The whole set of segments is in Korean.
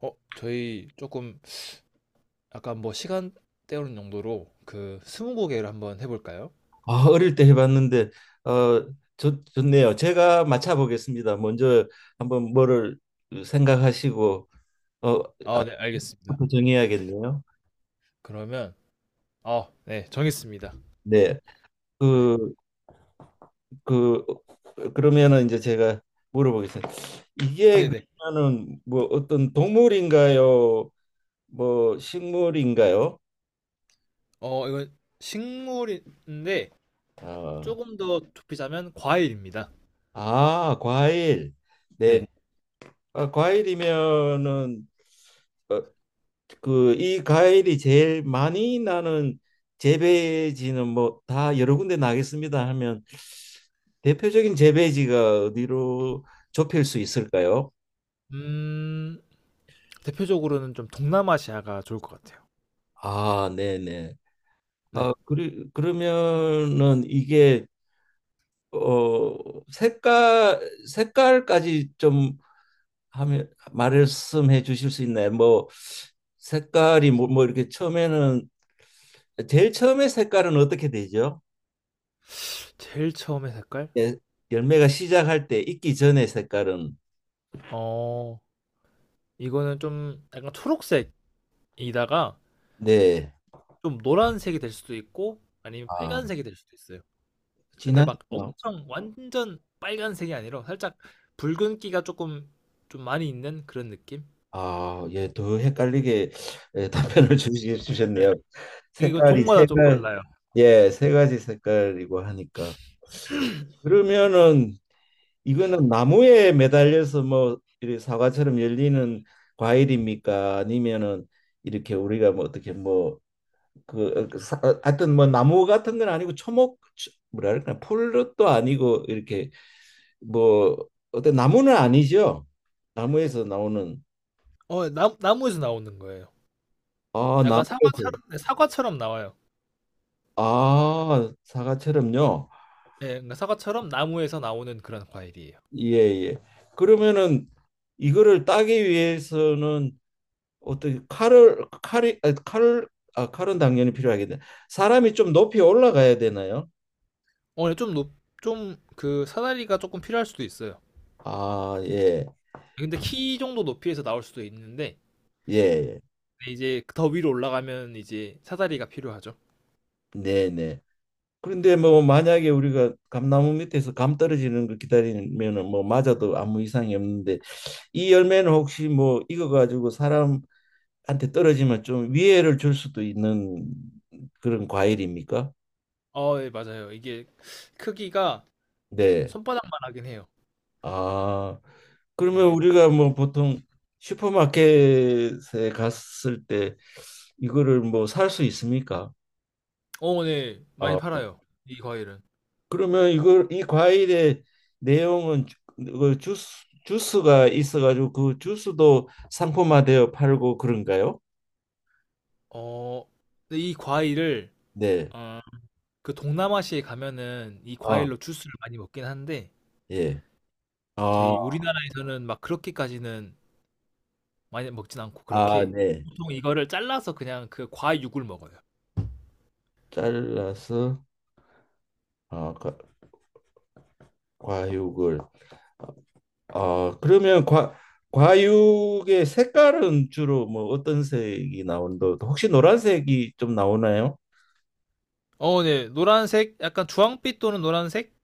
저희 조금 약간 뭐 시간 때우는 용도로 그 스무고개를 한번 해볼까요? 아, 어릴 때 해봤는데 어, 좋네요. 제가 맞춰보겠습니다. 먼저 한번 뭐를 생각하시고 어, 아, 아, 네, 알겠습니다. 부터 정해야겠네요. 그러면 아, 네, 정했습니다. 네, 네, 그, 그 그러면은 이제 제가 물어보겠습니다. 네, 이게 네. 그러면은 뭐 어떤 동물인가요? 뭐 식물인가요? 이건 식물인데 어, 조금 더 좁히자면 과일입니다. 아, 과일. 네, 네. 아, 과일이면은 어, 그 이 과일이 제일 많이 나는 재배지는 뭐 다 여러 군데 나겠습니다 하면 대표적인 재배지가 어디로 좁힐 수 있을까요? 음, 대표적으로는 좀 동남아시아가 좋을 것 같아요. 아, 네네. 네. 아, 그러면은 이게 어 색깔 색깔까지 좀 하면 말씀해 주실 수 있나요? 뭐 색깔이 뭐 이렇게 처음에는 제일 처음에 색깔은 어떻게 되죠? 제일 처음에 색깔? 예, 열매가 시작할 때 익기 전의 색깔은 어, 이거는 좀 약간 초록색이다가 네. 좀 노란색이 될 수도 있고 아니면 아, 빨간색이 될 수도 있어요. 근데 진한 막 색깔. 엄청 완전 빨간색이 아니라 살짝 붉은기가 조금 좀 많이 있는 그런 느낌? 아, 예, 더 헷갈리게 예, 네. 답변을 네. 주셨네요. 이건 색깔이 세 종마다 좀 가지, 달라요. 예, 세 가지 색깔이고 하니까 그러면은 이거는 나무에 매달려서 뭐 이렇게 사과처럼 열리는 과일입니까? 아니면은 이렇게 우리가 뭐 어떻게 뭐그 하여튼 뭐 나무 같은 건 아니고 초목 뭐랄까 풀도 아니고 이렇게 뭐 어때 나무는 아니죠? 나무에서 나오는 나무에서 나오는 거예요. 아 약간 나무에서 사과처럼, 네, 사과처럼 나와요. 아 사과처럼요. 네, 그러니까 사과처럼 나무에서 나오는 그런 과일이에요. 예예. 그러면은 이거를 따기 위해서는 어떻게 칼을 칼이 아, 칼 아, 칼은 당연히 필요하겠네. 사람이 좀 높이 올라가야 되나요? 어, 좀 높, 좀그 사다리가 조금 필요할 수도 있어요. 아 예. 근데 키 정도 높이에서 나올 수도 있는데 예. 예. 이제 더 위로 올라가면 이제 사다리가 필요하죠. 네 네. 그런데 뭐 만약에 우리가 감나무 밑에서 감 떨어지는 거 기다리면은 뭐 맞아도 아무 이상이 없는데 이 열매는 혹시 뭐 익어 가지고 사람한테 떨어지면 좀 위해를 줄 수도 있는 그런 과일입니까? 네 맞아요. 이게 크기가 네. 손바닥만 하긴 해요. 아, 그러면 네. 우리가 뭐 보통 슈퍼마켓에 갔을 때 이거를 뭐 살 수 있습니까? 네. 많이 아. 팔아요. 이 과일은. 그러면 이걸 이 과일의 내용은 그 주스 주스가 있어가지고 그 주스도 상품화되어 팔고 그런가요? 어, 근데 이 과일을, 네. 어, 그 동남아시아에 가면은 이 아, 과일로 주스를 많이 먹긴 한데, 예. 아, 저희 우리나라에서는 막 그렇게까지는 많이 먹진 않고, 아, 그렇게. 네. 보통 이거를 잘라서 그냥 그 과육을 먹어요. 잘라서 아, 과육을 아, 그러면 과 과육의 색깔은 주로 뭐 어떤 색이 나온다? 혹시 노란색이 좀 나오나요? 네. 노란색, 약간 주황빛 또는 노란색?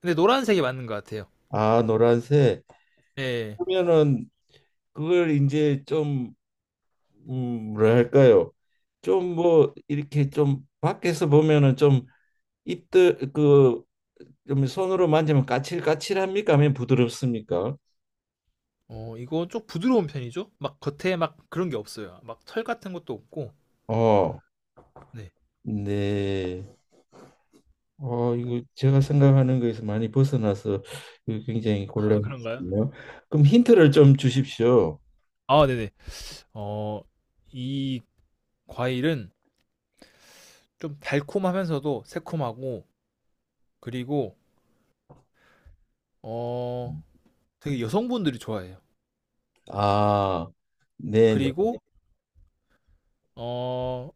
근데 노란색이 맞는 것 같아요. 아, 노란색. 네. 그러면은 그걸 이제 좀 뭐랄까요? 좀 뭐 이렇게 좀 밖에서 보면은 좀 입들 그 좀 손으로 만지면 까칠까칠합니까? 아니면 부드럽습니까? 이거 좀 부드러운 편이죠? 막 겉에 막 그런 게 없어요. 막 털 같은 것도 없고. 어, 네. 네. 어, 이거 제가 생각하는 거에서 많이 벗어나서 이거 굉장히 아 그런가요? 곤란했네요. 그럼 힌트를 좀 주십시오. 아 네네. 어 이 과일은 좀 달콤하면서도 새콤하고 그리고 어 되게 여성분들이 좋아해요. 네. 아, 네네. 그리고 어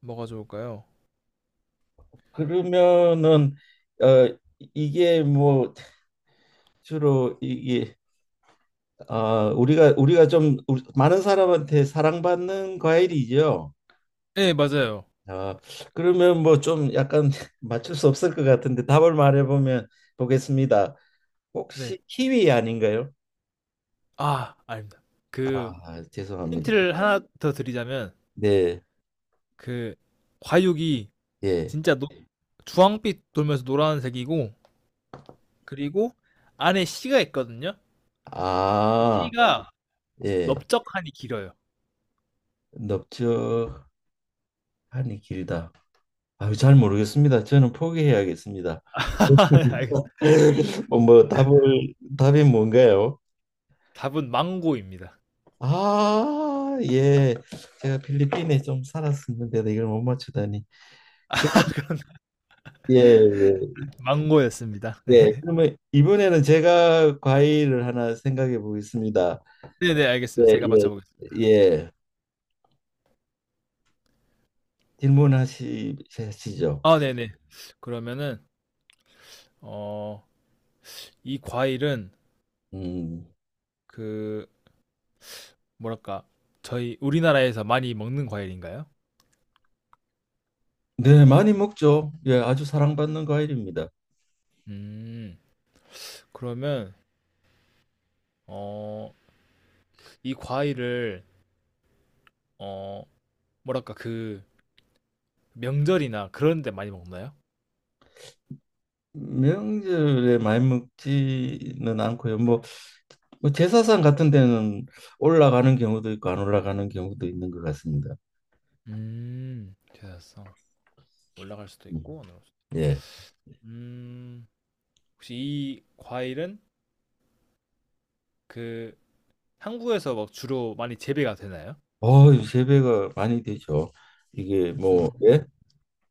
뭐가 좋을까요? 그러면은 어 이게 뭐 주로 이게 아, 우리가 좀 우리- 많은 사람한테 사랑받는 과일이죠. 네 맞아요. 아, 그러면 뭐 좀 약간 맞출 수 없을 것 같은데 답을 말해보면 보겠습니다. 네. 혹시 키위 아닌가요? 아 아닙니다. 그 아, 죄송합니다. 힌트를 하나 더 드리자면 네, 그 과육이 예. 진짜 노 네. 주황빛 돌면서 노란색이고 그리고 안에 씨가 있거든요. 그 아, 씨가 예. 넓적하니 길어요. 넓적하니 길다. 아유, 잘 모르겠습니다. 저는 포기해야겠습니다. 알겠습니다. 뭐 답을 답이 뭔가요? 답은 망고입니다. 아, 예. 제가 필리핀에 좀 살았었는데도 이걸 못 맞추다니. 그, 예, 예. 망고였습니다. 예. 네. 그러면 이번에는 제가 과일을 하나 생각해 보겠습니다. 네네, 알겠습니다. 예, 제가 예. 맞춰보겠습니다. 예. 질문하시죠. 아, 네네. 그러면은, 어, 이 과일은 음. 그, 뭐랄까, 저희 우리나라에서 많이 먹는 과일인가요? 네, 많이 먹죠. 예, 아주 사랑받는 과일입니다. 음, 그러면, 어, 이 과일을, 어, 뭐랄까, 그, 명절이나 그런 데 많이 먹나요? 명절에 많이 먹지는 않고요. 뭐, 뭐 제사상 같은 데는 올라가는 경우도 있고 안 올라가는 경우도 있는 것 같습니다. 찾았어. 올라갈 수도 음, 있고, 안 올라갈 수도 있고. 예. 음, 혹시 이 과일은 그 한국에서 막 주로 많이 재배가 되나요? 어, 세 배가 많이 되죠. 이게 뭐 음. 예?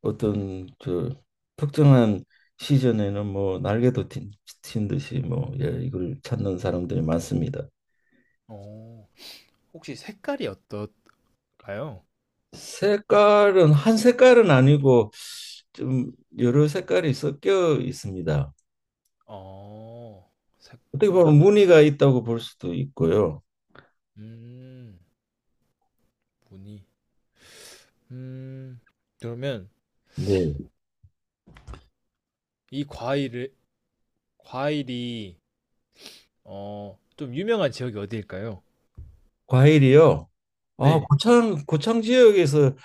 어떤 저 특정한 시즌에는 뭐 날개도 튄, 튄 듯이 뭐 예, 이걸 찾는 사람들이 많습니다. 어, 혹시 색깔이 어떨까요? 색깔은 한 색깔은 아니고 좀 여러 색깔이 섞여 있습니다. 어, 어떻게 보면 섞여있, 무늬가 있다고 볼 수도 있고요. 음, 무늬. 음, 그러면 네. 이 과일을, 과일이, 좀 유명한 지역이 어디일까요? 과일이요. 아, 네. 고창 지역에서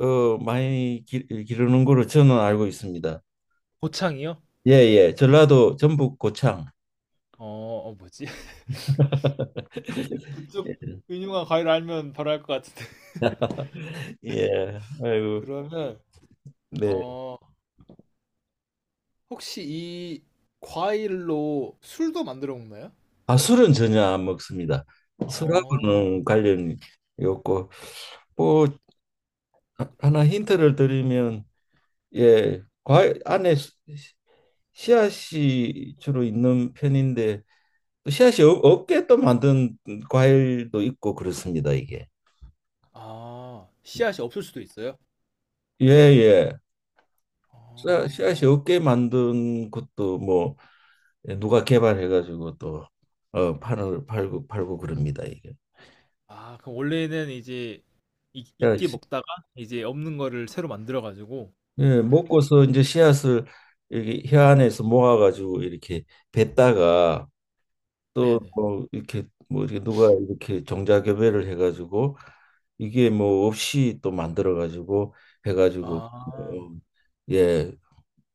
많이 기르는 거로 저는 알고 있습니다. 고창이요? 예, 예. 전라도 전북 고창. 어, 뭐지? 그쪽 유명한 과일 알면 바로 알 것 같은데. 예. 아이고. 그러면, 네. 어, 혹시 이 과일로 술도 만들어 먹나요? 아, 술은 전혀 안 먹습니다. 어. 술하고는 관련이 없고 뭐 하나 힌트를 드리면 예, 과일 안에 수- 씨앗이 주로 있는 편인데 또 씨앗이 없- 없게 또 만든 과일도 있고 그렇습니다, 이게. 아, 씨앗이 없을 수도 있어요? 예, 예. 씨앗- 어. 씨앗이 없게 만든 것도 뭐 예, 누가 개발해가지고 또 어, 파는 팔고 그럽니다 이게. 아, 그럼 원래는 이제 있게 씨앗이. 먹다가 이제 없는 거를 새로 만들어 가지고 예, 먹고서 이제 씨앗을 이렇게 혀 안에서 모아가지고 이렇게 뱉다가 또 네네. 뭐 이렇게 뭐 이렇게 누가 이렇게 종자교배를 해가지고 이게 뭐 없이 또 만들어가지고 해가지고 아, 뭐, 예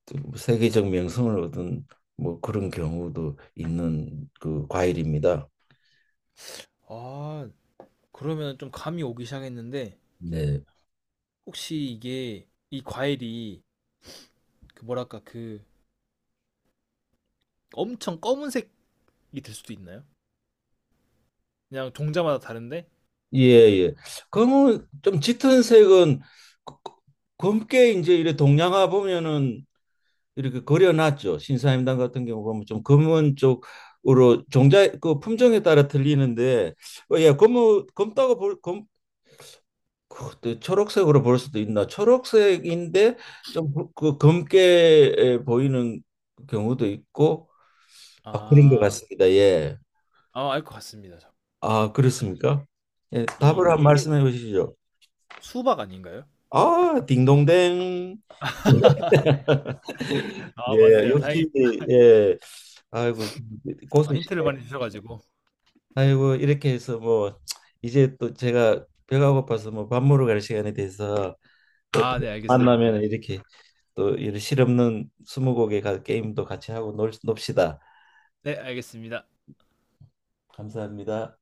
또 세계적 명성을 얻은 뭐 그런 경우도 있는 그 과일입니다. 아, 그러면 좀 감이 오기 시작했는데 네. 혹시 이게 이 과일이 그 뭐랄까 그 엄청 검은색이 될 수도 있나요? 그냥 종자마다 다른데? 예, 예. 그러면 좀 짙은 색은 그- 그- 검게 이제 이래 동양화 보면은 이렇게 그려놨죠. 신사임당 같은 경우 보면 좀 검은 쪽으로 종자 그 품종에 따라 틀리는데 어, 예, 검은 검다고 볼 검, 그, 초록색으로 볼 수도 있나? 초록색인데 좀그 그 검게 보이는 경우도 있고 아, 그런 것 아, 같습니다. 예. 아, 알 것 같습니다. 저. 아, 그렇습니까? 예, 답을 한 이게 말씀해 주시죠. 수박 아닌가요? 아, 딩동댕. 아, 예, 맞네요. 다행히 역시 예. 아이고 아, 힌트를 고수시네. 많이 주셔가지고. 아이고 이렇게 해서 뭐 이제 또 제가 배가 고파서 뭐 밥 먹으러 갈 시간이 돼서 아, 네, 알겠습니다. 만나면 이렇게 또 이런 실없는 스무고개 가- 게임도 같이 하고 놉시다. 네, 알겠습니다. 감사합니다.